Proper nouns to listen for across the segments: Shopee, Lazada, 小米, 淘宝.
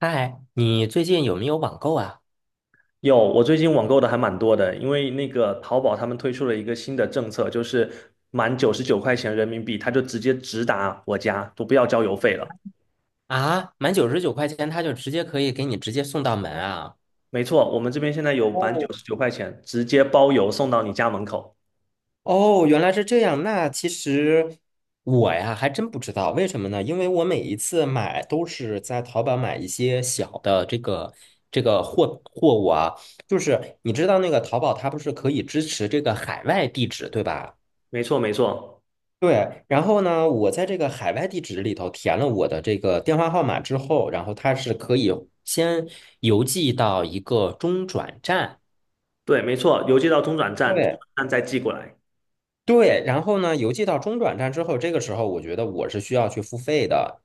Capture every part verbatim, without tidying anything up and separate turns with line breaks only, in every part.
嗨，你最近有没有网购啊？
有，我最近网购的还蛮多的，因为那个淘宝他们推出了一个新的政策，就是满九十九块钱人民币，他就直接直达我家，都不要交邮费了。
啊，满九十九块钱，他就直接可以给你直接送到门啊！
没错，我们这边现在有满九
哦
十九块钱，直接包邮送到你家门口。
哦，原来是这样。那其实我呀还真不知道，为什么呢？因为我每一次买都是在淘宝买一些小的这个这个货货物啊，就是你知道那个淘宝它不是可以支持这个海外地址，对吧？
没错，没错，
对，然后呢，我在这个海外地址里头填了我的这个电话号码之后，然后它是可以先邮寄到一个中转站。
对，没错，邮寄到中转站，中转
对
站再寄过来。
对，然后呢，邮寄到中转站之后，这个时候我觉得我是需要去付费的。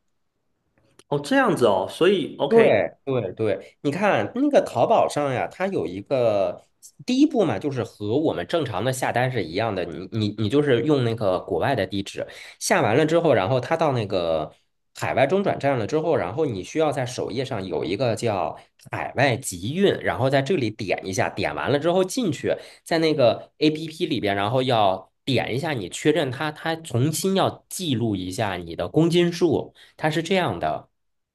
哦，这样子哦，所以 OK，
对对对，你看那个淘宝上呀，它有一个第一步嘛，就是和我们正常的下单是一样的，你你你就是用那个国外的地址下完了之后，然后它到那个海外中转站了之后，然后你需要在首页上有一个叫海外集运，然后在这里点一下，点完了之后进去，在那个 A P P 里边，然后要点一下你确认它，它重新要记录一下你的公斤数，它是这样的。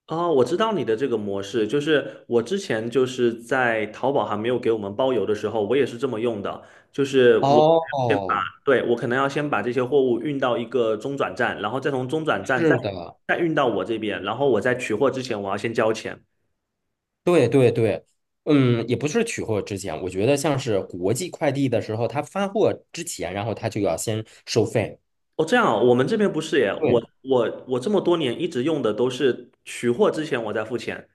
哦，我知道你的这个模式，就是我之前就是在淘宝还没有给我们包邮的时候，我也是这么用的，就是我先把，
哦，
对，我可能要先把这些货物运到一个中转站，然后再从中转站再
是的，
再运到我这边，然后我在取货之前我要先交钱。
对对对，嗯，也不是取货之前，我觉得像是国际快递的时候，他发货之前，然后他就要先收费。
哦，这样哦，我们这边不是耶，我
对
我我这么多年一直用的都是取货之前我再付钱，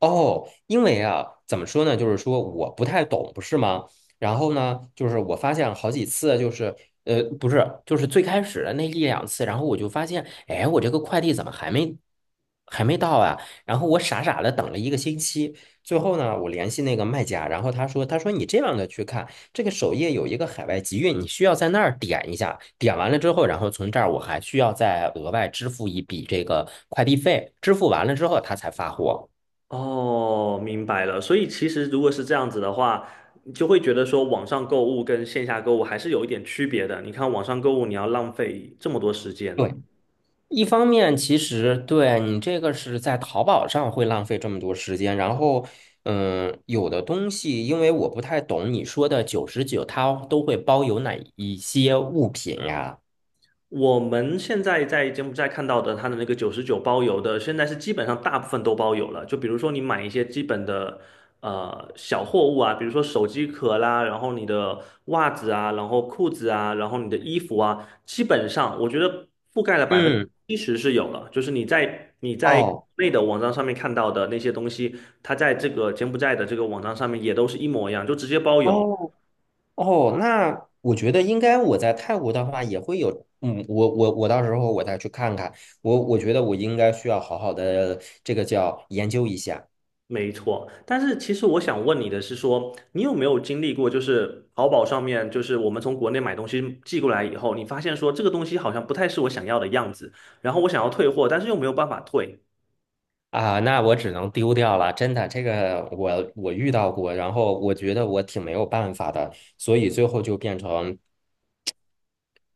哦，因为啊，怎么说呢？就是说我不太懂，不是吗？然后呢，就是我发现好几次，就是呃，不是，就是最开始的那一两次，然后我就发现，哎，我这个快递怎么还没还没到啊？然后我傻傻的等了一个星期，最后呢，我联系那个卖家，然后他说，他说你这样的去看，这个首页有一个海外集运，你需要在那儿点一下，点完了之后，然后从这儿我还需要再额外支付一笔这个快递费，支付完了之后他才发货。
哦，明白了。所以其实如果是这样子的话，你就会觉得说网上购物跟线下购物还是有一点区别的。你看网上购物，你要浪费这么多时间。
对。一方面，其实对你这个是在淘宝上会浪费这么多时间，然后，嗯，有的东西因为我不太懂你说的九十九，它都会包邮哪一些物品呀？
我们现在在柬埔寨看到的，它的那个九十九包邮的，现在是基本上大部分都包邮了。就比如说你买一些基本的呃小货物啊，比如说手机壳啦，然后你的袜子啊，然后裤子啊，然后你的衣服啊，基本上我觉得覆盖了百分
嗯，
之七十是有了。就是你在你在国
哦
内的网站上面看到的那些东西，它在这个柬埔寨的这个网站上面也都是一模一样，就直接包邮。
哦哦，那我觉得应该我在泰国的话也会有，嗯，我我我到时候我再去看看，我我觉得我应该需要好好的这个叫研究一下。
没错，但是其实我想问你的是说，你有没有经历过，就是淘宝上面，就是我们从国内买东西寄过来以后，你发现说这个东西好像不太是我想要的样子，然后我想要退货，但是又没有办法退，
啊，那我只能丢掉了，真的，这个我我遇到过，然后我觉得我挺没有办法的，所以最后就变成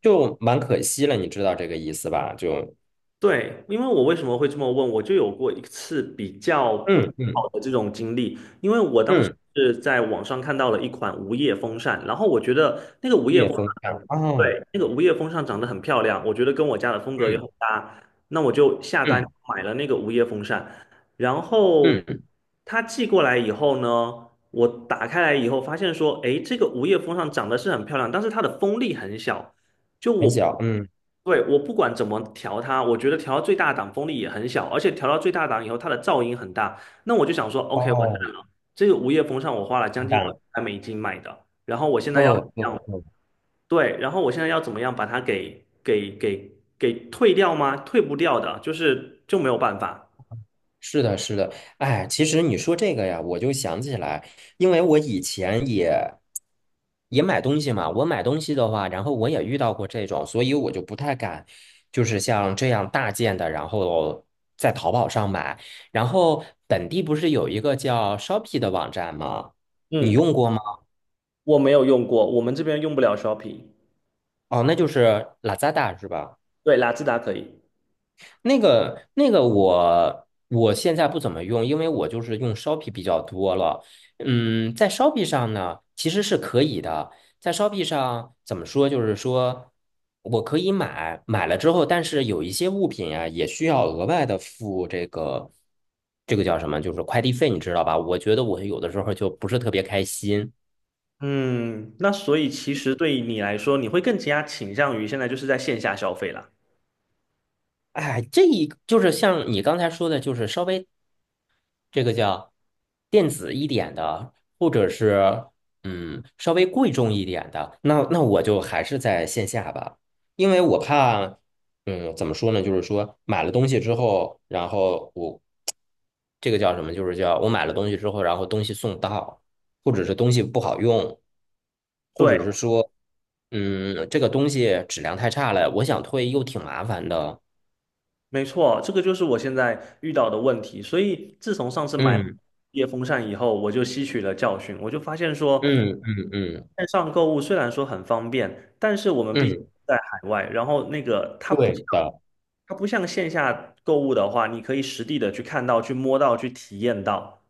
就蛮可惜了，你知道这个意思吧？就
对，因为我为什么会这么问，我就有过一次比较不
嗯
好
嗯
的这种经历，因为我当时
嗯，
是在网上看到了一款无叶风扇，然后我觉得那个无叶
夜
风
风扇
扇长，
啊，
对，那个无叶风扇长得很漂亮，我觉得跟我家的风格也很
嗯
搭，那我就下单
嗯
买了那个无叶风扇，然后
嗯，
它寄过来以后呢，我打开来以后发现说，诶，这个无叶风扇长得是很漂亮，但是它的风力很小。就
很
我，
小，嗯，
对，我不管怎么调它，我觉得调到最大档风力也很小，而且调到最大档以后，它的噪音很大。那我就想说，OK，我蛋
哦，
了，这个无叶风扇我花了将
完
近
蛋了，
块美金买的，然后我现在要，
哦哦哦
对，然后我现在要怎么样把它给给给给退掉吗？退不掉的，就是就没有办法。
是的，是的，哎，其实你说这个呀，我就想起来，因为我以前也也买东西嘛，我买东西的话，然后我也遇到过这种，所以我就不太敢，就是像这样大件的，然后在淘宝上买。然后本地不是有一个叫 Shopee 的网站吗？你
嗯，
用过吗？
我没有用过，我们这边用不了 s h o p p i n g，
哦，那就是 Lazada 是吧？
对，雅姿达可以。
那个那个我我现在不怎么用，因为我就是用 Shopee 比较多了。嗯，在 Shopee 上呢，其实是可以的。在 Shopee 上怎么说，就是说我可以买，买了之后，但是有一些物品啊，也需要额外的付这个这个叫什么，就是快递费，你知道吧？我觉得我有的时候就不是特别开心。
嗯，那所以其实对你来说，你会更加倾向于现在就是在线下消费啦。
哎，这一就是像你刚才说的，就是稍微这个叫电子一点的，或者是嗯稍微贵重一点的，那那我就还是在线下吧，因为我怕嗯怎么说呢，就是说买了东西之后，然后我这个叫什么，就是叫我买了东西之后，然后东西送到，或者是东西不好用，或
对，
者是说嗯这个东西质量太差了，我想退又挺麻烦的，
没错，这个就是我现在遇到的问题。所以自从上次买
嗯
夜风扇以后，我就吸取了教训，我就发现说，
嗯嗯嗯
线上购物虽然说很方便，但是我们毕竟
嗯，
在海外，然后那个它不
对
像
的。
它不像线下购物的话，你可以实地的去看到、去摸到、去体验到。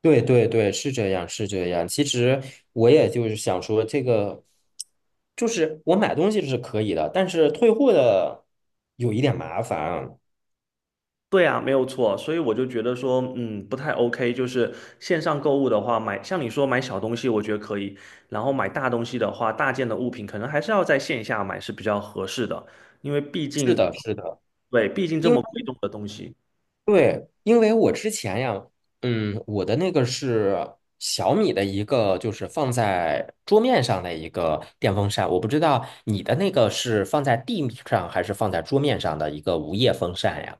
对对对，是这样，是这样。其实我也就是想说，这个就是我买东西是可以的，但是退货的有一点麻烦。
对啊，没有错，所以我就觉得说，嗯，不太 OK。就是线上购物的话，买像你说买小东西，我觉得可以；然后买大东西的话，大件的物品可能还是要在线下买是比较合适的，因为毕
是
竟，
的，是的，
对，毕竟这
因为
么贵重的东西。
对，因为我之前呀，嗯，我的那个是小米的一个，就是放在桌面上的一个电风扇，我不知道你的那个是放在地上还是放在桌面上的一个无叶风扇呀？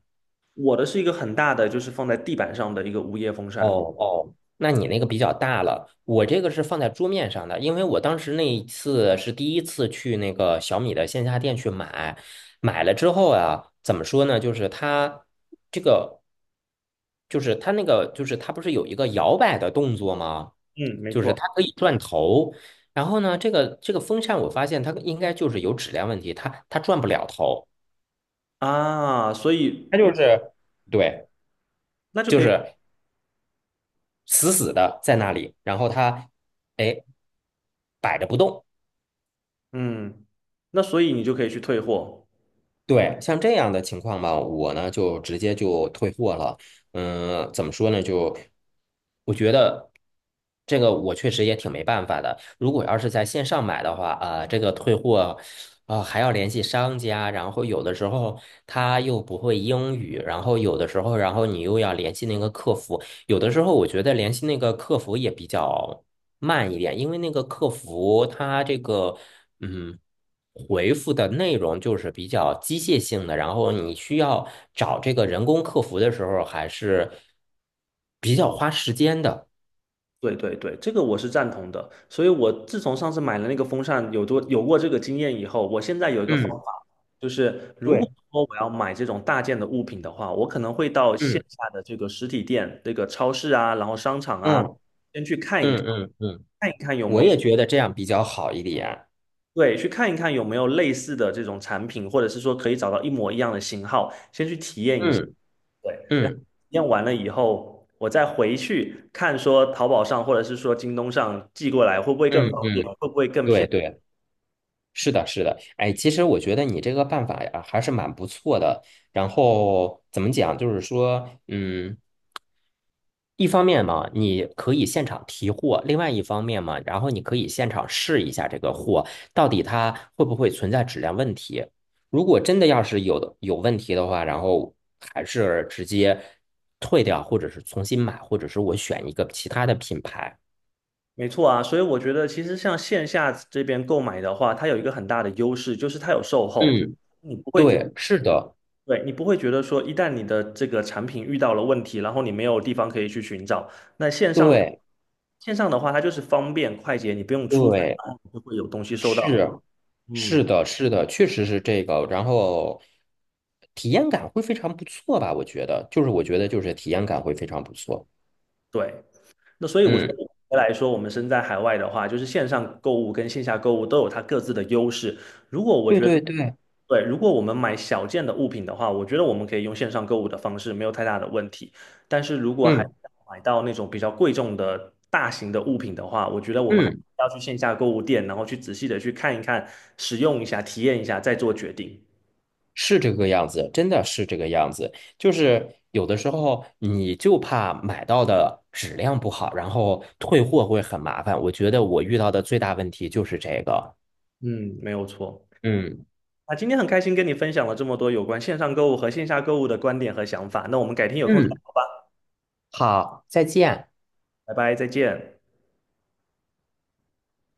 我的是一个很大的，就是放在地板上的一个无叶风
哦
扇。
哦，那你那个比较大了，我这个是放在桌面上的，因为我当时那一次是第一次去那个小米的线下店去买，买了之后啊，怎么说呢？就是它这个，就是它那个，就是它不是有一个摇摆的动作吗？
嗯，没
就是
错
它可以转头，然后呢，这个这个风扇我发现它应该就是有质量问题，它它转不了头，
啊，所以
它就是对，
那就
就
可以，
是死死的在那里，然后它哎摆着不动。
嗯，那所以你就可以去退货。
对，像这样的情况吧，我呢就直接就退货了。嗯，怎么说呢？就我觉得这个我确实也挺没办法的。如果要是在线上买的话，啊、这个退货啊、还要联系商家，然后有的时候他又不会英语，然后有的时候，然后你又要联系那个客服，有的时候我觉得联系那个客服也比较慢一点，因为那个客服他这个。嗯，回复的内容就是比较机械性的，然后你需要找这个人工客服的时候还是比较花时间的。
对对对，这个我是赞同的。所以我自从上次买了那个风扇，有多有过这个经验以后，我现在有一个方
嗯，
法，就是如果
对，
说我要买这种大件的物品的话，我可能会到线
嗯
下的这个实体店、这个超市啊，然后商场啊，
嗯
先去看一看，
嗯嗯嗯，
看一看有
我
没有，
也觉得这样比较好一点。
对，去看一看有没有类似的这种产品，或者是说可以找到一模一样的型号，先去体验一下。
嗯
对，然后
嗯
验完了以后，我再回去看说淘宝上或者是说京东上寄过来会不会更
嗯
方便，
嗯，
会不会更
对
便宜？
对，是的，是的。哎，其实我觉得你这个办法呀还是蛮不错的。然后怎么讲，就是说，嗯。一方面嘛，你可以现场提货；另外一方面嘛，然后你可以现场试一下这个货到底它会不会存在质量问题。如果真的要是有的有问题的话，然后还是直接退掉，或者是重新买，或者是我选一个其他的品牌。
没错啊，所以我觉得其实像线下这边购买的话，它有一个很大的优势，就是它有售后，
嗯，
你不会觉
对，是的，
对，你不会觉得说一旦你的这个产品遇到了问题，然后你没有地方可以去寻找，那线上
对
线上的话，它就是方便快捷，你不用出门，
对，
然后你就会有东西收到。
是
嗯，
是的，是的，确实是这个。然后体验感会非常不错吧？我觉得，就是我觉得就是体验感会非常不错。
对。那所以我觉得
嗯。
总结来说，我们身在海外的话，就是线上购物跟线下购物都有它各自的优势。如果我
对
觉得，
对对，
对，如果我们买小件的物品的话，我觉得我们可以用线上购物的方式，没有太大的问题。但是如果还
嗯
买到那种比较贵重的大型的物品的话，我觉得我们还是
嗯，
要去线下购物店，然后去仔细的去看一看、使用一下、体验一下，再做决定。
是这个样子，真的是这个样子。就是有的时候你就怕买到的质量不好，然后退货会很麻烦。我觉得我遇到的最大问题就是这个。
嗯，没有错。
嗯
啊，今天很开心跟你分享了这么多有关线上购物和线下购物的观点和想法。那我们改天有空再。
嗯，好，再见。
拜拜，再见。